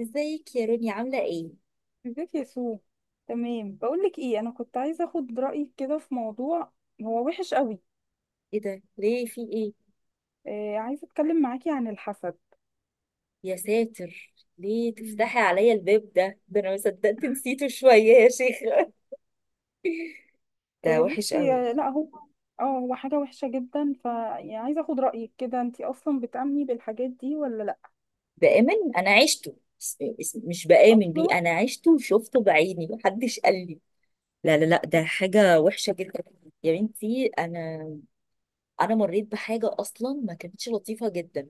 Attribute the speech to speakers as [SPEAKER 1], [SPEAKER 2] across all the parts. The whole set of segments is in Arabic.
[SPEAKER 1] ازيك يا روني؟ عاملة ايه؟
[SPEAKER 2] زيت يسوع. تمام، بقول لك ايه، انا كنت عايزه اخد رايك كده في موضوع. هو وحش قوي.
[SPEAKER 1] ايه ده؟ ليه؟ في ايه؟
[SPEAKER 2] آه، عايزه اتكلم معاكي عن الحسد.
[SPEAKER 1] يا ساتر ليه
[SPEAKER 2] مم.
[SPEAKER 1] تفتحي عليا الباب ده؟ ده انا ما صدقت نسيته شوية يا شيخة. ده
[SPEAKER 2] آه،
[SPEAKER 1] وحش
[SPEAKER 2] بصي.
[SPEAKER 1] قوي.
[SPEAKER 2] لا، هو حاجه وحشه جدا، ف يعني عايزه اخد رايك كده، انتي اصلا بتامني بالحاجات دي ولا لا؟
[SPEAKER 1] بآمن، انا عشته، مش بآمن بيه،
[SPEAKER 2] اصلا.
[SPEAKER 1] انا عشته وشفته بعيني محدش قال لي. لا لا لا، ده حاجة وحشة جدا. يا بنتي انا انا مريت بحاجه اصلا ما كانتش لطيفه جدا.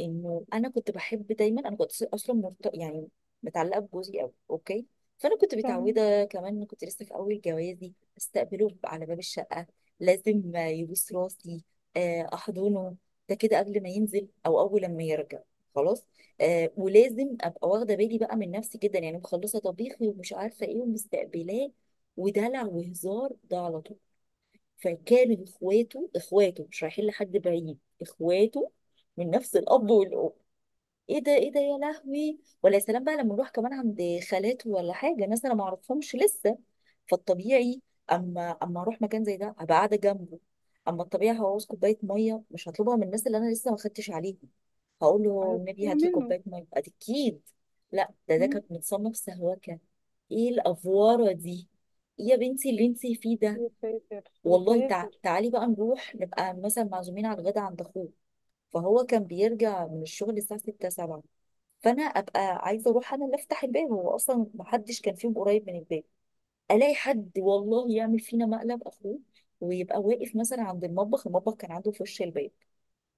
[SPEAKER 1] انه انا كنت بحب دايما، انا كنت اصلا يعني متعلقه بجوزي قوي، اوكي. فانا كنت
[SPEAKER 2] تمام.
[SPEAKER 1] متعوده، كمان كنت لسه في اول جوازي، استقبله على باب الشقه، لازم يبوس راسي، احضنه. ده كده قبل ما ينزل او اول لما يرجع، خلاص. ولازم ابقى واخده بالي بقى من نفسي جدا، يعني مخلصه طبيخي ومش عارفه ايه، ومستقبلاه ودلع وهزار ده على طول. فكانوا اخواته، اخواته مش رايحين لحد بعيد، اخواته من نفس الاب والام. ايه ده ايه ده يا لهوي؟ ولا يا سلام بقى لما نروح كمان عند خالاته ولا حاجه، ناس انا ما اعرفهمش لسه. فالطبيعي، اما اروح مكان زي ده ابقى قاعده جنبه. اما الطبيعي هعوز كوبايه ميه، مش هطلبها من الناس اللي انا لسه ما خدتش عليهم، هقول له النبي
[SPEAKER 2] عرفتيها
[SPEAKER 1] هات لي
[SPEAKER 2] منه؟
[SPEAKER 1] كوبايه ميه اكيد. لا، ده
[SPEAKER 2] مم.
[SPEAKER 1] كانت متصنف سهوكه. ايه الافواره دي؟ إيه يا بنتي اللي انتي فيه ده؟
[SPEAKER 2] يا ساتر، يا
[SPEAKER 1] والله
[SPEAKER 2] ساتر.
[SPEAKER 1] تعالي بقى نروح نبقى مثلا معزومين على الغدا عند اخوه. فهو كان بيرجع من الشغل الساعه 6 7. فانا ابقى عايزه اروح انا اللي افتح الباب، هو اصلا ما حدش كان فيهم قريب من الباب، الاقي حد والله يعمل فينا مقلب اخوه، ويبقى واقف مثلا عند المطبخ، المطبخ كان عنده في وش الباب،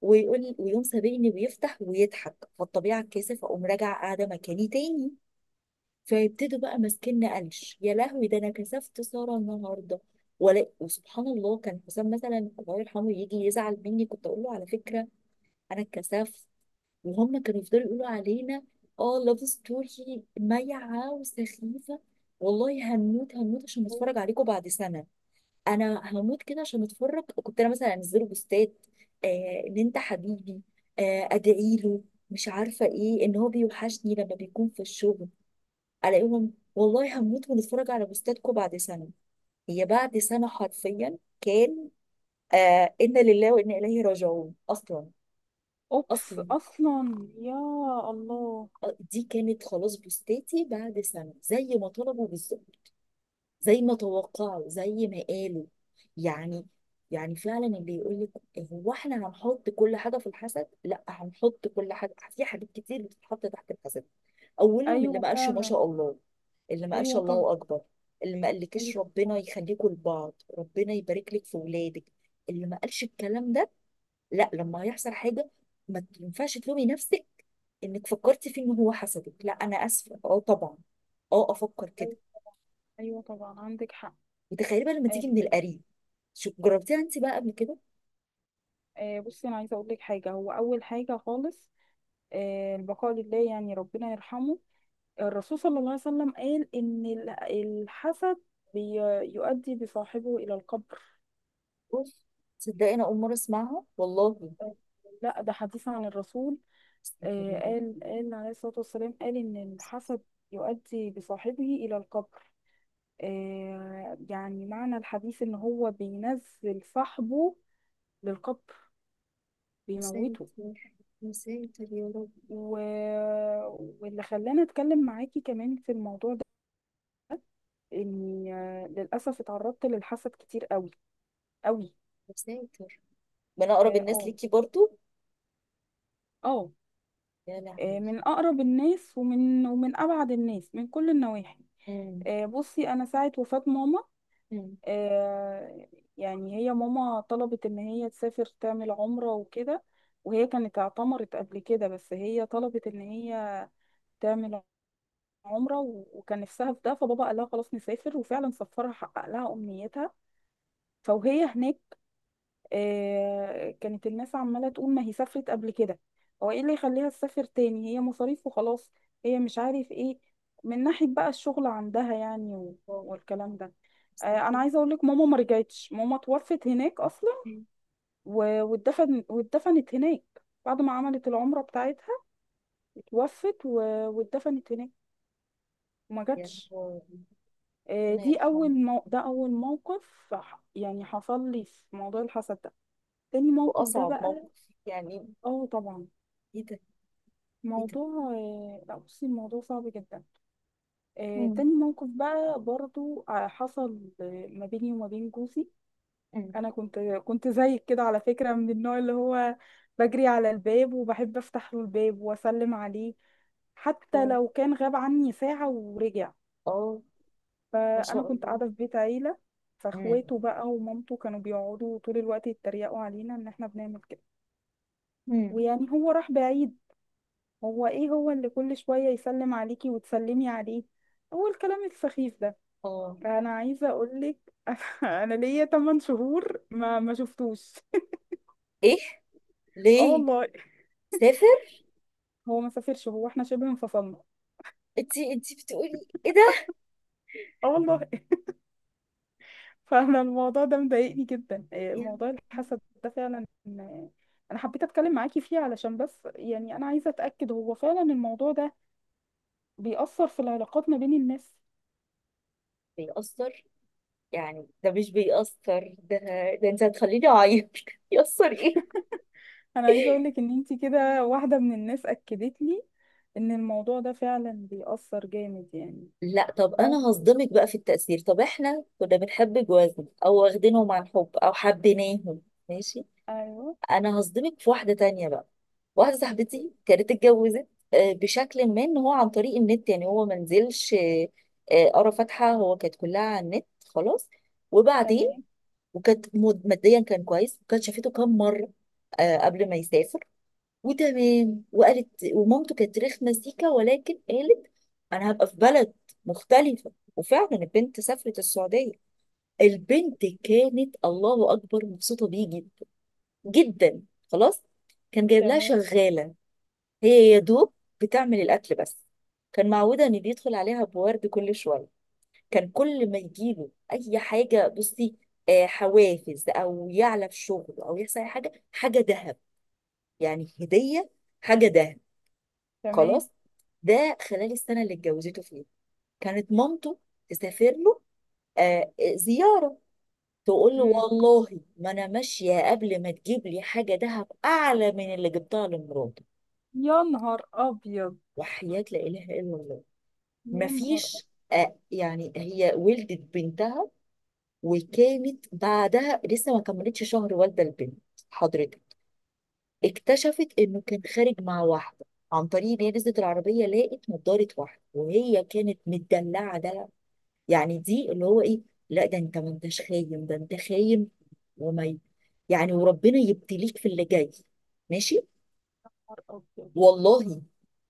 [SPEAKER 1] ويقوم سابقني ويفتح ويضحك. فالطبيعه الكاسف اقوم راجعه قاعده مكاني تاني. فيبتدوا بقى ماسكيننا قلش، يا لهوي ده انا كسفت ساره النهارده. ولا وسبحان الله، كان حسام مثلا الله يرحمه يجي يزعل مني كنت اقول له على فكره انا اتكسفت، وهم كانوا يفضلوا يقولوا علينا اه لاف ستوري مايعه وسخيفه. والله هموت هموت عشان اتفرج عليكم بعد سنه، انا هموت كده عشان اتفرج. كنت انا مثلا انزله بوستات، آه ان انت حبيبي، آه ادعي له، مش عارفه ايه، ان هو بيوحشني لما بيكون في الشغل. الاقيهم والله هموت ونتفرج على بوستاتكم بعد سنه. هي بعد سنه حرفيا كان، آه انا لله وانا اليه راجعون اصلا.
[SPEAKER 2] اوبس،
[SPEAKER 1] اصلا،
[SPEAKER 2] اصلا، يا الله.
[SPEAKER 1] آه، دي كانت خلاص بوستاتي بعد سنه زي ما طلبوا بالظبط، زي ما توقعوا، زي ما قالوا. يعني يعني فعلا اللي يقول لك هو احنا هنحط كل حاجه في الحسد، لا، هنحط كل حاجه، في حاجات كتير بتتحط تحت الحسد. اولهم اللي
[SPEAKER 2] ايوه،
[SPEAKER 1] ما قالش ما
[SPEAKER 2] فعلا.
[SPEAKER 1] شاء الله، اللي ما قالش
[SPEAKER 2] ايوه،
[SPEAKER 1] الله
[SPEAKER 2] طبعا.
[SPEAKER 1] اكبر، اللي ما قالكش
[SPEAKER 2] ايوه،
[SPEAKER 1] ربنا
[SPEAKER 2] طبعا.
[SPEAKER 1] يخليكوا لبعض، ربنا يبارك لك في ولادك، اللي ما قالش الكلام ده. لا، لما هيحصل حاجه ما ينفعش تلومي نفسك انك فكرتي فيه ان هو حسدك، لا، انا اسفه، اه طبعا، اه افكر كده.
[SPEAKER 2] ايوه. أيوة، طبعا عندك حق.
[SPEAKER 1] وتخيلي بقى لما
[SPEAKER 2] آه،
[SPEAKER 1] تيجي من القريب. شو جربتيها انت بقى قبل كده؟
[SPEAKER 2] بصي، انا عايزه اقول لك حاجه، هو اول حاجه خالص. البقاء لله، يعني ربنا يرحمه. الرسول صلى الله عليه وسلم قال ان الحسد بي- يؤدي بصاحبه الى القبر.
[SPEAKER 1] اوف، تصدقي انا اول مره اسمعها والله.
[SPEAKER 2] آه، لا، ده حديث عن الرسول.
[SPEAKER 1] مساتر يا رب.
[SPEAKER 2] قال عليه الصلاه والسلام، قال ان الحسد يؤدي بصاحبه الى القبر. يعني معنى الحديث ان هو بينزل صاحبه للقبر، بيموته.
[SPEAKER 1] مساتر يا رب.
[SPEAKER 2] و... واللي خلاني اتكلم معاكي كمان في الموضوع ده، اني للاسف اتعرضت للحسد كتير قوي، قوي.
[SPEAKER 1] مساتر. من اقرب
[SPEAKER 2] اه،
[SPEAKER 1] الناس
[SPEAKER 2] اه.
[SPEAKER 1] ليكي برضو؟
[SPEAKER 2] آه،
[SPEAKER 1] يا لهوي.
[SPEAKER 2] من اقرب الناس، ومن ابعد الناس، من كل النواحي.
[SPEAKER 1] امم
[SPEAKER 2] بصي، انا ساعه وفاه ماما.
[SPEAKER 1] امم
[SPEAKER 2] آه، يعني هي ماما طلبت ان هي تسافر تعمل عمره وكده، وهي كانت اعتمرت قبل كده، بس هي طلبت ان هي تعمل عمره، وكان نفسها في ده. فبابا قال لها خلاص، نسافر، وفعلا سفرها حقق لها امنيتها. فوهي هناك، كانت الناس عمالة تقول: ما هي سافرت قبل كده، هو ايه اللي يخليها تسافر تاني، هي مصاريف وخلاص، هي مش عارف ايه، من ناحية بقى الشغل عندها، يعني
[SPEAKER 1] واو.
[SPEAKER 2] والكلام ده. انا
[SPEAKER 1] مستنكر.
[SPEAKER 2] عايزة اقول لك، ماما ما رجعتش. ماما توفت هناك اصلا، واتدفنت هناك بعد ما عملت العمرة بتاعتها. اتوفت واتدفنت هناك، وما
[SPEAKER 1] يا
[SPEAKER 2] جاتش.
[SPEAKER 1] هو. ربنا يرحمه.
[SPEAKER 2] ده اول موقف، يعني حصل لي في موضوع الحسد ده. تاني موقف ده
[SPEAKER 1] واصعب
[SPEAKER 2] بقى.
[SPEAKER 1] موقف يعني.
[SPEAKER 2] اه، طبعا.
[SPEAKER 1] ايه ده؟ ايه ده؟
[SPEAKER 2] موضوع آه، لا، بصي، الموضوع صعب جدا.
[SPEAKER 1] امم
[SPEAKER 2] تاني موقف بقى برضو، حصل ما بيني وما بين جوزي.
[SPEAKER 1] امم
[SPEAKER 2] انا كنت زيك كده على فكرة، من النوع اللي هو بجري على الباب وبحب افتح له الباب واسلم عليه، حتى
[SPEAKER 1] اه.
[SPEAKER 2] لو كان غاب عني ساعة ورجع.
[SPEAKER 1] آه، ما
[SPEAKER 2] فانا
[SPEAKER 1] شاء
[SPEAKER 2] كنت
[SPEAKER 1] الله.
[SPEAKER 2] قاعدة في بيت عيلة،
[SPEAKER 1] امم
[SPEAKER 2] فاخواته بقى ومامته كانوا بيقعدوا طول الوقت يتريقوا علينا ان احنا بنعمل كده.
[SPEAKER 1] امم
[SPEAKER 2] ويعني هو راح بعيد، هو ايه هو اللي كل شوية يسلم عليكي وتسلمي عليه، هو الكلام السخيف ده.
[SPEAKER 1] اه.
[SPEAKER 2] انا عايزة اقولك، انا ليا 8 شهور ما شفتوش.
[SPEAKER 1] ايه؟
[SPEAKER 2] اه،
[SPEAKER 1] ليه؟
[SPEAKER 2] والله.
[SPEAKER 1] سافر؟
[SPEAKER 2] هو ما سافرش، هو احنا شبه انفصلنا.
[SPEAKER 1] انتي انتي بتقولي ايه ده؟
[SPEAKER 2] اه، والله. فانا الموضوع ده مضايقني جدا، إيه،
[SPEAKER 1] يا
[SPEAKER 2] موضوع
[SPEAKER 1] لهوي.
[SPEAKER 2] الحسد ده فعلا انا حبيت اتكلم معاكي فيه، علشان بس يعني انا عايزة اتأكد، هو فعلا الموضوع ده بيأثر في العلاقات ما بين الناس.
[SPEAKER 1] بيأثر، يعني ده مش بيأثر ده؟ ده انت هتخليني اعيط يأثر.
[SPEAKER 2] انا عايزه اقول
[SPEAKER 1] ايه.
[SPEAKER 2] لك ان انتي كده واحده من الناس اكدت لي ان الموضوع ده فعلا بيأثر جامد يعني.
[SPEAKER 1] لا طب انا
[SPEAKER 2] موقف.
[SPEAKER 1] هصدمك بقى في التأثير. طب احنا كنا بنحب جوازنا او واخدينهم عن حب او حبيناهم، ماشي.
[SPEAKER 2] ايوه.
[SPEAKER 1] انا هصدمك في واحدة تانية بقى. واحدة صاحبتي كانت اتجوزت، آه، بشكل ما ان هو عن طريق النت، يعني هو ما نزلش، قرا فاتحة، هو كانت كلها على النت، خلاص. وبعدين
[SPEAKER 2] تمام،
[SPEAKER 1] وكانت ماديا كان كويس، وكانت شافته كام مرة، آه، قبل ما يسافر. وتمام، وقالت ومامته كانت رخمه سيكا، ولكن قالت انا هبقى في بلد مختلفه. وفعلا البنت سافرت السعوديه، البنت كانت الله اكبر مبسوطه بيه جدا جدا، خلاص. كان جايب لها
[SPEAKER 2] تمام،
[SPEAKER 1] شغاله، هي يا دوب بتعمل الاكل بس. كان معوده ان بيدخل عليها بورد كل شويه، كان كل ما يجيله اي حاجه، بصي، آه، حوافز او يعلى في شغله او يحصل اي حاجه، حاجه ذهب، يعني هديه، حاجه ذهب،
[SPEAKER 2] تمام.
[SPEAKER 1] خلاص. ده خلال السنه اللي اتجوزته فيها، كانت مامته تسافر له آه زياره، تقول له
[SPEAKER 2] مم.
[SPEAKER 1] والله ما انا ماشيه قبل ما تجيب لي حاجه دهب اعلى من اللي جبتها لمراتي.
[SPEAKER 2] يا نهار ابيض.
[SPEAKER 1] وحياه لا اله الا الله.
[SPEAKER 2] يا نهار أبيض.
[SPEAKER 1] مفيش، يعني هي ولدت بنتها، وكانت بعدها لسه ما كملتش شهر والده البنت، حضرتك، اكتشفت انه كان خارج مع واحده، عن طريق ان هي نزلت العربيه لقت نضاره واحده، وهي كانت مدلعه دلع يعني دي، اللي هو ايه، لا ده انت ما انتش خاين، ده انت خاين. وما ي- يعني وربنا يبتليك في اللي جاي، ماشي
[SPEAKER 2] ابيض.
[SPEAKER 1] والله.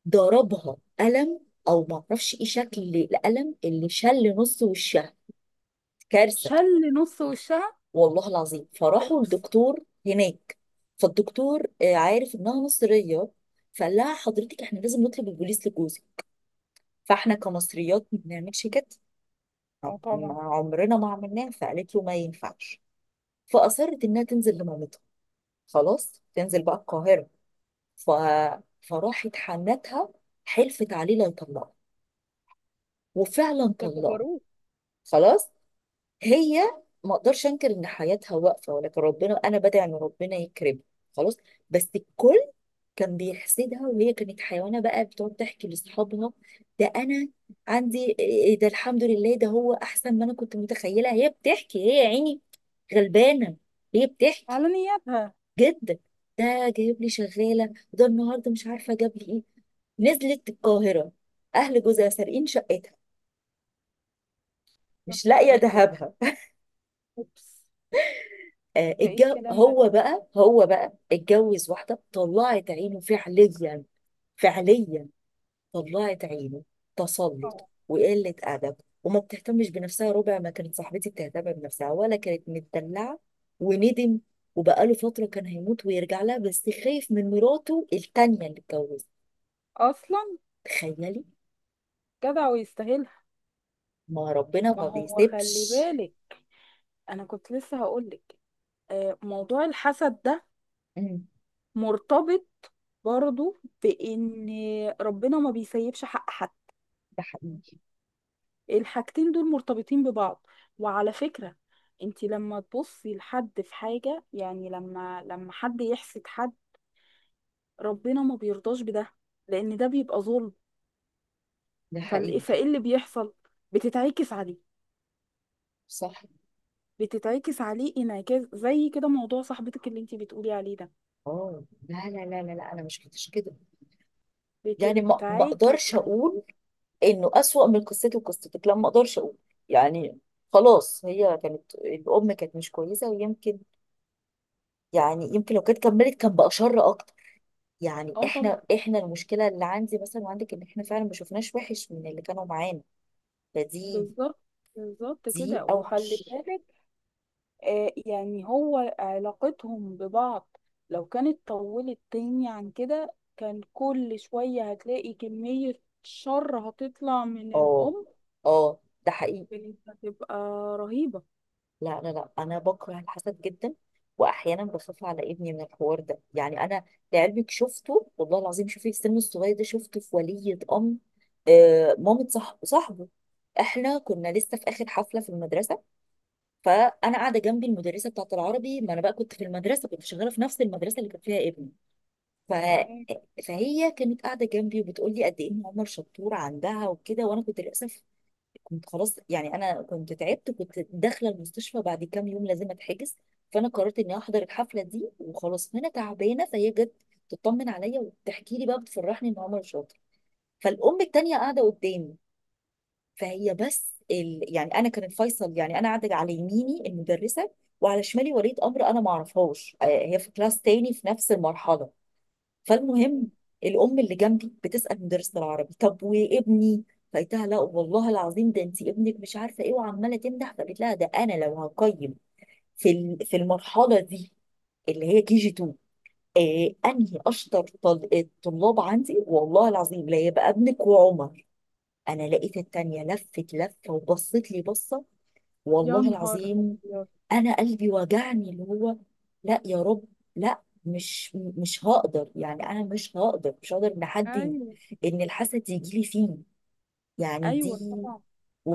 [SPEAKER 1] ضربها قلم، او ما اعرفش ايه شكل القلم اللي شل نص وشها، كارثه.
[SPEAKER 2] شل نص وشها.
[SPEAKER 1] والله العظيم فراحوا
[SPEAKER 2] اوبس.
[SPEAKER 1] الدكتور هناك، فالدكتور آه، عارف انها مصريه، فقال لها حضرتك احنا لازم نطلب البوليس لجوزي. فاحنا كمصريات ما بنعملش كده، طب
[SPEAKER 2] او
[SPEAKER 1] ما
[SPEAKER 2] طبعا.
[SPEAKER 1] عمرنا ما عملناه، فقالت له ما ينفعش. فأصرت إنها تنزل لمامتها، خلاص تنزل بقى القاهرة. ف... فراحت حنتها حلفت عليه لا يطلقها، وفعلا
[SPEAKER 2] ده
[SPEAKER 1] طلقها،
[SPEAKER 2] جبروت.
[SPEAKER 1] خلاص. هي ما اقدرش انكر ان حياتها واقفه، ولكن ربنا انا بدعي ان ربنا يكرمها، خلاص. بس الكل كان بيحسدها، وهي كانت حيوانه بقى بتقعد تحكي لاصحابها ده انا عندي إيه إيه، ده الحمد لله، ده هو احسن ما انا كنت متخيله. هي بتحكي هي، يا عيني غلبانه، هي بتحكي
[SPEAKER 2] على نيابها.
[SPEAKER 1] جدا ده جايب لي شغاله، وده النهارده مش عارفه جاب لي ايه. نزلت القاهره، اهل جوزها سارقين شقتها،
[SPEAKER 2] يا
[SPEAKER 1] مش
[SPEAKER 2] نهار
[SPEAKER 1] لاقيه
[SPEAKER 2] ابيض.
[SPEAKER 1] ذهبها.
[SPEAKER 2] اوبس.
[SPEAKER 1] آه
[SPEAKER 2] ده ايه
[SPEAKER 1] الجو،
[SPEAKER 2] الكلام ده؟
[SPEAKER 1] هو بقى هو بقى اتجوز واحده طلعت عينه فعليا، فعليا طلعت عينه، تسلط
[SPEAKER 2] اه.
[SPEAKER 1] وقله ادب، وما بتهتمش بنفسها ربع ما كانت صاحبتي بتهتم بنفسها، ولا كانت متدلعه. وندم، وبقاله فتره كان هيموت ويرجع لها، بس خايف من مراته التانيه اللي اتجوزها.
[SPEAKER 2] اصلا.
[SPEAKER 1] تخيلي،
[SPEAKER 2] جدع ويستاهلها.
[SPEAKER 1] ما ربنا
[SPEAKER 2] ما
[SPEAKER 1] ما
[SPEAKER 2] هو، خلي
[SPEAKER 1] بيسيبش.
[SPEAKER 2] بالك. انا كنت لسه هقولك. موضوع الحسد ده
[SPEAKER 1] مم.
[SPEAKER 2] مرتبط برضو بإن ربنا ما بيسيبش حق حد.
[SPEAKER 1] ده حقيقي.
[SPEAKER 2] الحاجتين دول مرتبطين ببعض. وعلى فكرة، انت لما تبصي لحد في حاجة، يعني لما حد يحسد حد، ربنا ما بيرضاش بده، لأن ده بيبقى ظلم.
[SPEAKER 1] ده حقيقي.
[SPEAKER 2] فايه اللي بيحصل؟ بتتعكس عليه.
[SPEAKER 1] صح.
[SPEAKER 2] بتتعكس عليه انعكاس، زي كده موضوع صاحبتك اللي انت بتقولي عليه ده.
[SPEAKER 1] اه. لا لا لا لا لا، انا مش كنتش كده. يعني ما ما
[SPEAKER 2] بتنعكس
[SPEAKER 1] اقدرش
[SPEAKER 2] عليه.
[SPEAKER 1] اقول انه اسوأ من قصتي وقصتك، لا ما اقدرش اقول يعني. خلاص هي كانت الام كانت مش كويسه، ويمكن يعني يمكن لو كانت كملت كان بقى شر اكتر. يعني
[SPEAKER 2] اه، طبعا.
[SPEAKER 1] احنا احنا المشكله اللي عندي مثلا وعندك ان احنا فعلا ما شفناش وحش من اللي كانوا معانا، فدي
[SPEAKER 2] بالظبط. بالظبط
[SPEAKER 1] دي
[SPEAKER 2] كده،
[SPEAKER 1] اوحش.
[SPEAKER 2] وخلي بالك، يعني هو علاقتهم ببعض، لو كانت طولت تاني عن كده، كان كل شوية هتلاقي كمية شر هتطلع من
[SPEAKER 1] اه
[SPEAKER 2] الأم.
[SPEAKER 1] اه، ده حقيقي.
[SPEAKER 2] كانت هتبقى رهيبة.
[SPEAKER 1] لا لا لا انا بكره الحسد جدا. واحيانا بخاف على ابني من الحوار ده، يعني انا لعلمك شفته والله العظيم، شوفي السن الصغير ده شفته في ولية امر، آه مامة صاحبه. احنا كنا لسه في اخر حفله في المدرسه، فانا قاعده جنبي المدرسه بتاعه العربي، ما انا بقى كنت في المدرسه، كنت شغاله في نفس المدرسه اللي كان فيها ابني. ف...
[SPEAKER 2] تمام.
[SPEAKER 1] فهي كانت قاعده جنبي وبتقول لي قد ايه ان عمر شطور عندها وكده، وانا كنت للاسف، كنت خلاص يعني انا كنت تعبت، كنت داخله المستشفى بعد كام يوم لازم اتحجز. فانا قررت اني احضر الحفله دي وخلاص، وانا تعبانه، فهي جت تطمن عليا وتحكي لي بقى بتفرحني ان عمر شاطر. فالام التانيه قاعده قدامي، فهي بس يعني انا كان الفيصل يعني، انا قاعده على يميني المدرسه، وعلى شمالي ولية امر انا ما اعرفهاش، آه، هي في كلاس تاني في نفس المرحله. فالمهم، الام اللي جنبي بتسال مدرسه العربي طب وابني؟ فقلتها لا والله العظيم، ده انت ابنك مش عارفه ايه، وعماله تمدح، فقالت لها ده انا لو هقيم في المرحله دي اللي هي كي جي 2، آه انهي اشطر الطلاب عندي، والله العظيم لا يبقى ابنك وعمر. انا لقيت التانية لفت لفه وبصت لي بصه،
[SPEAKER 2] يا
[SPEAKER 1] والله
[SPEAKER 2] نهار
[SPEAKER 1] العظيم،
[SPEAKER 2] أبيض.
[SPEAKER 1] انا قلبي وجعني اللي هو. لا يا رب، لا، مش مش هقدر يعني، انا مش هقدر مش هقدر ان
[SPEAKER 2] أيوة،
[SPEAKER 1] ان الحسد يجي لي فيه، يعني دي.
[SPEAKER 2] أيوة، طبعا.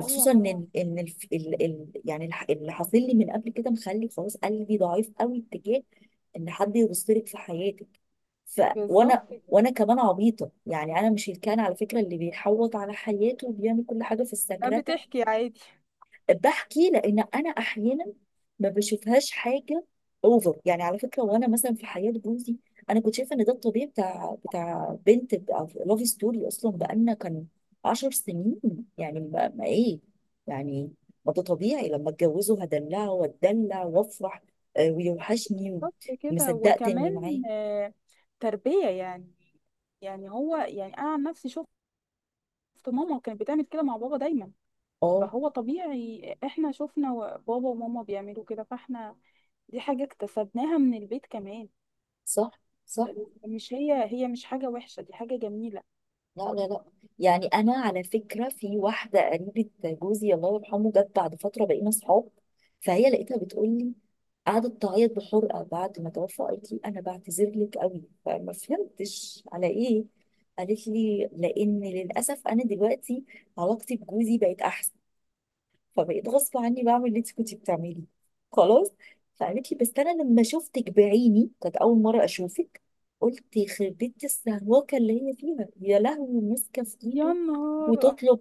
[SPEAKER 2] ايوه،
[SPEAKER 1] ان
[SPEAKER 2] طبعا.
[SPEAKER 1] اللي حاصل لي من قبل كده مخلي خلاص قلبي ضعيف قوي اتجاه ان حد يبصلك في حياتك. ف
[SPEAKER 2] بالظبط
[SPEAKER 1] وانا
[SPEAKER 2] كده.
[SPEAKER 1] وانا كمان عبيطه يعني، انا مش الكائن على فكره اللي بيحوط على حياته وبيعمل كل حاجه في
[SPEAKER 2] لا،
[SPEAKER 1] السكرة.
[SPEAKER 2] بتحكي عادي.
[SPEAKER 1] بحكي لان انا احيانا ما بشوفهاش حاجه اوفر، يعني على فكره، وانا مثلا في حياه جوزي انا كنت شايفه ان ده الطبيعي، بتاع بنت لاف ستوري، اصلا بقالنا كان 10 سنين. يعني ما ايه يعني، ما ده طبيعي لما اتجوزه هدلعه واتدلع وافرح، آه، ويوحشني،
[SPEAKER 2] بالظبط كده،
[SPEAKER 1] ومصدقت اني
[SPEAKER 2] وكمان
[SPEAKER 1] معاه.
[SPEAKER 2] آه، تربية يعني. يعني هو، يعني أنا عن نفسي شفت ماما كانت بتعمل كده مع بابا دايما،
[SPEAKER 1] اه،
[SPEAKER 2] فهو طبيعي، احنا شفنا بابا وماما بيعملوا كده، فاحنا دي حاجة اكتسبناها من البيت كمان.
[SPEAKER 1] صح صح.
[SPEAKER 2] مش هي هي مش حاجة وحشة، دي حاجة جميلة.
[SPEAKER 1] لا لا لا، يعني انا على فكره، في واحده قريبه جوزي الله يرحمه جت بعد فتره بقينا صحاب، فهي لقيتها بتقول لي، قعدت تعيط بحرقه بعد ما توفى، قالت لي انا بعتذر لك قوي، فما فهمتش على ايه، قالت لي لان للاسف انا دلوقتي علاقتي بجوزي بقت احسن، فبقيت غصب عني بعمل اللي انت كنتي بتعمليه، خلاص. فقالت لي بس انا لما شفتك بعيني كانت اول مره اشوفك، قلت يخرب بيت السهواكه اللي هي فيها، يا لهوي ماسكه في
[SPEAKER 2] يا
[SPEAKER 1] ايده
[SPEAKER 2] نهار
[SPEAKER 1] وتطلب،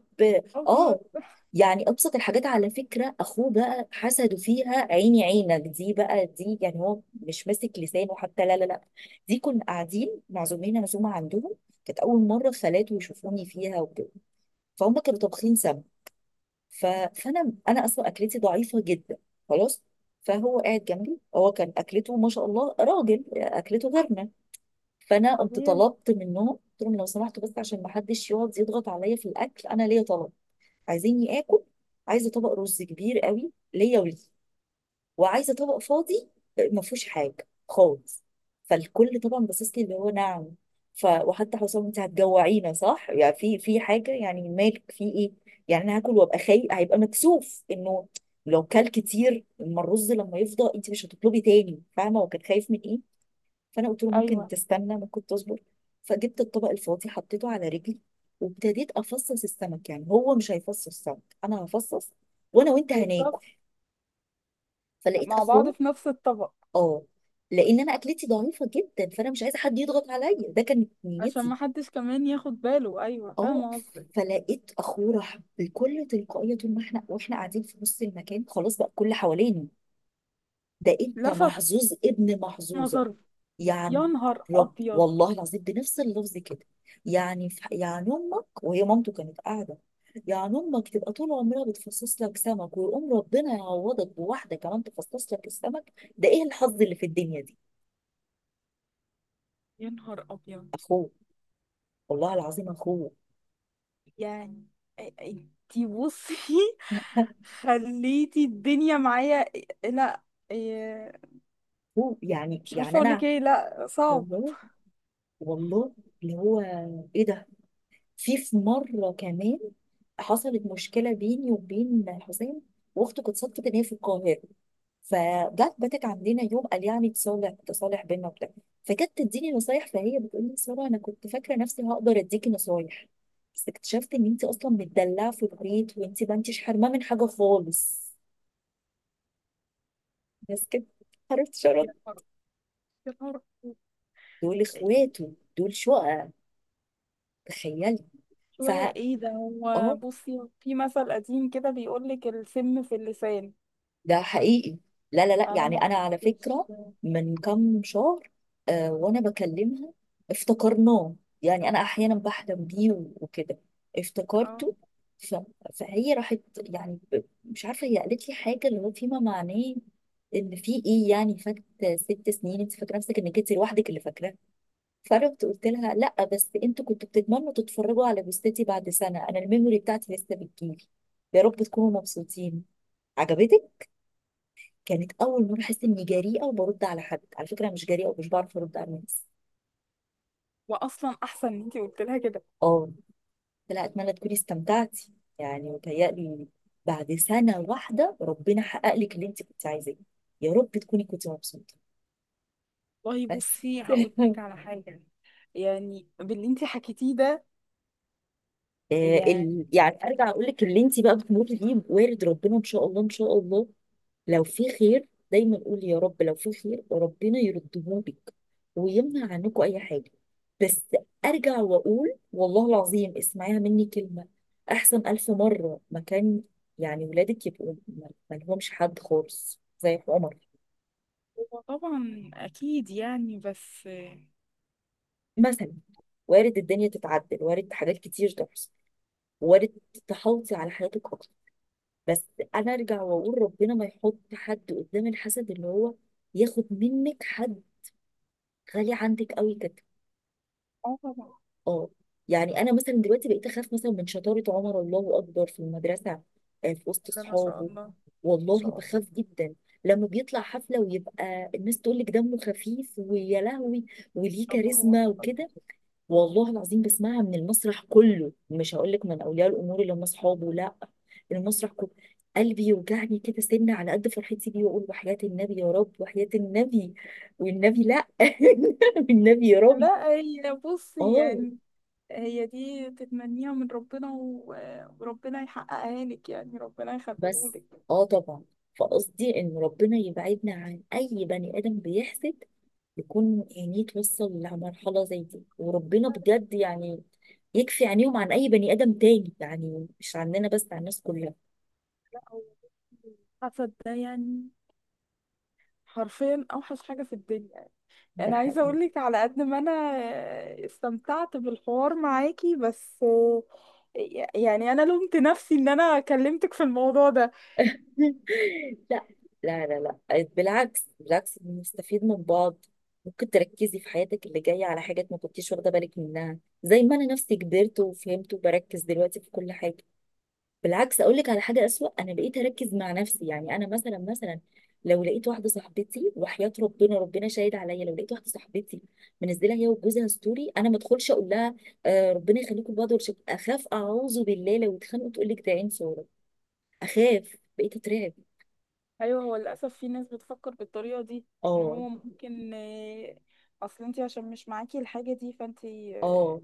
[SPEAKER 2] أبيض.
[SPEAKER 1] اه، يعني ابسط الحاجات على فكره اخوه بقى حسده فيها عيني عينك دي بقى دي، يعني هو مش ماسك لسانه حتى، لا لا لا، دي كنا قاعدين معزومين عزومه عندهم، كانت اول مره خالاته يشوفوني فيها وكده، فهم كانوا طابخين سمك، ف... فانا اصلا اكلتي ضعيفه جدا. خلاص. فهو قاعد جنبي، هو كان اكلته ما شاء الله، راجل اكلته غيرنا. فانا قمت
[SPEAKER 2] طبيعي.
[SPEAKER 1] طلبت منهم، قلت لهم لو سمحتوا، بس عشان ما حدش يقعد يضغط عليا في الاكل، انا ليا طلب. عايزيني اكل؟ عايزه طبق رز كبير قوي ليا وليه، وعايزه طبق فاضي ما فيهوش حاجه خالص. فالكل طبعا باصص لي اللي هو نعم؟ وحتى حسام: انت هتجوعينا؟ صح يعني في حاجه؟ يعني مالك؟ في ايه؟ يعني انا هاكل وابقى خايف، هيبقى مكسوف انه لو كل كتير، اما الرز لما يفضى انت مش هتطلبي تاني، فاهمه؟ وكان خايف من ايه؟ فانا قلت له ممكن
[SPEAKER 2] أيوه.
[SPEAKER 1] تستنى، ممكن تصبر. فجبت الطبق الفاضي، حطيته على رجلي، وابتديت افصص السمك. يعني هو مش هيفصص السمك، انا هفصص، وانا وانت
[SPEAKER 2] بالظبط.
[SPEAKER 1] هناكل. فلقيت
[SPEAKER 2] مع بعض
[SPEAKER 1] اخوه.
[SPEAKER 2] في نفس الطبق.
[SPEAKER 1] اه. لان انا اكلتي ضعيفه جدا، فانا مش عايزه حد يضغط عليا، ده كانت
[SPEAKER 2] عشان
[SPEAKER 1] نيتي.
[SPEAKER 2] ما حدش كمان ياخد باله. أيوه،
[SPEAKER 1] اه.
[SPEAKER 2] فاهمة قصدك.
[SPEAKER 1] فلقيت اخوه راح بكل تلقائيه، طول ما احنا قاعدين في نص المكان، خلاص بقى كل حوالينا: ده انت
[SPEAKER 2] لفت
[SPEAKER 1] محظوظ ابن محظوظه.
[SPEAKER 2] نظري.
[SPEAKER 1] يعني
[SPEAKER 2] يا نهار أبيض.
[SPEAKER 1] والله العظيم بنفس اللفظ كده. يعني يعني امك، وهي مامته كانت قاعده، يعني امك تبقى طول عمرها بتفصص لك سمك، ويقوم ربنا يعوضك بواحده كمان تفصص لك السمك، ده ايه الحظ اللي في الدنيا دي؟
[SPEAKER 2] يا نهار أبيض.
[SPEAKER 1] اخوه، والله العظيم اخوه.
[SPEAKER 2] يعني انتي بصي، خليتي الدنيا معايا. لا.
[SPEAKER 1] هو يعني
[SPEAKER 2] مش عارفة اقول لك
[SPEAKER 1] انا،
[SPEAKER 2] ايه. لا، صعب.
[SPEAKER 1] والله والله اللي هو ايه ده. في مره كمان حصلت مشكله بيني وبين حسين، واخته كانت صدفه ان هي في القاهره، فجت باتت عندنا يوم، قال يعني تصالح، بينا وبتاع. فكانت تديني نصايح، فهي بتقول لي: ساره، انا كنت فاكره نفسي هقدر اديكي نصايح، بس اكتشفت ان انت اصلا متدلعه في البيت، وانت ما انتش حرمه من حاجه خالص. بس كده، عرفت شرط.
[SPEAKER 2] يا نهار، يا نهار.
[SPEAKER 1] دول اخواته دول شقق، تخيلي. ف
[SPEAKER 2] شوية، ايه ده؟ هو
[SPEAKER 1] اه،
[SPEAKER 2] بصي، في مثل قديم كده بيقول لك: السم في اللسان.
[SPEAKER 1] ده حقيقي. لا لا لا،
[SPEAKER 2] انا
[SPEAKER 1] يعني
[SPEAKER 2] ما
[SPEAKER 1] انا على
[SPEAKER 2] كنتش.
[SPEAKER 1] فكره من كام شهر آه، وانا بكلمها افتكرناه. يعني انا احيانا بحلم بيه وكده،
[SPEAKER 2] اه.
[SPEAKER 1] افتكرته. ف... فهي راحت يعني مش عارفه، هي قالت لي حاجه اللي هو فيما معناه ان في ايه يعني فات 6 سنين، انت فاكره نفسك انك انت لوحدك اللي فاكره. فرحت قلت لها: لا، بس انتوا كنتوا بتتمنوا تتفرجوا على جثتي، بعد سنه انا الميموري بتاعتي لسه بتجيلي. يا رب تكونوا مبسوطين، عجبتك؟ كانت اول مره احس اني جريئه وبرد على حد، على فكره انا مش جريئه ومش بعرف ارد على الناس.
[SPEAKER 2] واصلا احسن ان انت قلت لها كده.
[SPEAKER 1] اه. قلت لها: اتمنى تكوني استمتعتي، يعني متهيألي بعد سنه واحده ربنا حقق لك اللي انت كنت عايزاه، يا رب تكوني كنت مبسوطه.
[SPEAKER 2] والله
[SPEAKER 1] بس.
[SPEAKER 2] بصي، هقول لك على حاجة. يعني باللي انت حكيتيه ده،
[SPEAKER 1] آه،
[SPEAKER 2] يعني
[SPEAKER 1] يعني ارجع اقول لك اللي انت بقى بتمر بيه وارد، ربنا ان شاء الله ان شاء الله. لو في خير دايما قول يا رب، لو في خير وربنا يردهولك ويمنع عنكم اي حاجه. بس ارجع واقول والله العظيم اسمعيها مني كلمه: احسن 1000 مره مكان، يعني ولادك يبقوا ما لهمش حد خالص زي عمر
[SPEAKER 2] هو طبعا اكيد يعني، بس.
[SPEAKER 1] مثلا. وارد الدنيا تتعدل، وارد حاجات كتير تحصل، وارد. تحوطي على حياتك اكتر، بس. انا ارجع واقول ربنا ما يحط حد قدام الحسد، اللي هو ياخد منك حد غالي عندك قوي كده.
[SPEAKER 2] اه، طبعا.
[SPEAKER 1] اه. يعني انا مثلا دلوقتي بقيت اخاف مثلا من شطاره عمر، الله اكبر، في المدرسه، آه، في وسط
[SPEAKER 2] لا، ما شاء
[SPEAKER 1] اصحابه.
[SPEAKER 2] الله، ما
[SPEAKER 1] والله
[SPEAKER 2] شاء الله.
[SPEAKER 1] بخاف جدا، لما بيطلع حفله ويبقى الناس تقول لك دمه خفيف، ويا لهوي وليه
[SPEAKER 2] الله هو
[SPEAKER 1] كاريزما
[SPEAKER 2] أكبر.
[SPEAKER 1] وكده. والله العظيم بسمعها من المسرح كله، مش هقول لك من اولياء الامور اللي هم اصحابه، لا، المسرح كله. قلبي يوجعني كده سنة على قد فرحتي بيه، واقول وحياة النبي يا رب، وحياة النبي والنبي لا والنبي يا رب.
[SPEAKER 2] لا، هي بصي
[SPEAKER 1] اه.
[SPEAKER 2] يعني، هي دي تتمنيها من ربنا وربنا يحققها لك، يعني ربنا
[SPEAKER 1] بس.
[SPEAKER 2] يخليهولك.
[SPEAKER 1] اه طبعا. فقصدي ان ربنا يبعدنا عن اي بني ادم بيحسد، يكون عينيه توصل لمرحله زي دي، وربنا بجد يعني يكفي عينيهم عن اي بني ادم تاني، يعني مش عننا بس، عن الناس كلها.
[SPEAKER 2] لا، هو الحسد ده يعني حرفيا اوحش حاجة في الدنيا.
[SPEAKER 1] ده
[SPEAKER 2] انا عايزة
[SPEAKER 1] حقيقي.
[SPEAKER 2] اقول لك، على قد ما انا استمتعت بالحوار معاكي، بس يعني انا لومت نفسي ان انا كلمتك في الموضوع ده.
[SPEAKER 1] لا لا لا، لا بالعكس، بالعكس بنستفيد من بعض. ممكن تركزي في حياتك اللي جايه على حاجات ما كنتيش واخده بالك منها، زي ما انا نفسي كبرت وفهمت وبركز دلوقتي في كل حاجه. بالعكس اقول لك على حاجه اسوأ، انا بقيت اركز مع نفسي. يعني انا مثلا لو لقيت واحده صاحبتي، وحياه ربنا، ربنا شاهد عليا، لو لقيت واحده صاحبتي منزله هي وجوزها ستوري، انا ما ادخلش اقول لها آه ربنا يخليكم لبعض ولا شيء. اخاف، اعوذ بالله لو اتخانقوا تقول لك ده عين صوره. اخاف، بقيت اترعب.
[SPEAKER 2] ايوه، هو للاسف في ناس بتفكر بالطريقة دي، ان
[SPEAKER 1] اه.
[SPEAKER 2] هو ممكن اصل انت عشان مش معاكي الحاجة دي، فانت
[SPEAKER 1] اه.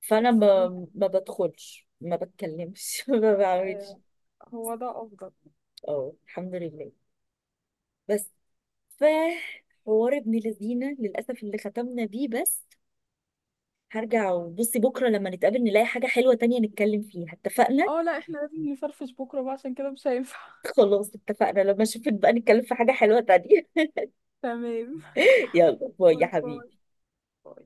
[SPEAKER 1] فانا ما
[SPEAKER 2] تحسدينها.
[SPEAKER 1] ما بدخلش، ما بتكلمش ما بعملش.
[SPEAKER 2] آه، هو ده افضل.
[SPEAKER 1] اه الحمد لله. بس. ف حوار ابن لذينه للاسف اللي ختمنا بيه، بس هرجع وبصي بكرة لما نتقابل نلاقي حاجة حلوة تانية نتكلم فيها، اتفقنا؟
[SPEAKER 2] اه. لا، احنا لازم نفرفش بكرة بقى، عشان كده مش هينفع.
[SPEAKER 1] خلاص اتفقنا، لما اشوفك بقى نتكلم في حاجة حلوة تانية.
[SPEAKER 2] تمام.
[SPEAKER 1] يلا باي يا
[SPEAKER 2] باي، باي.
[SPEAKER 1] حبيبي.
[SPEAKER 2] باي.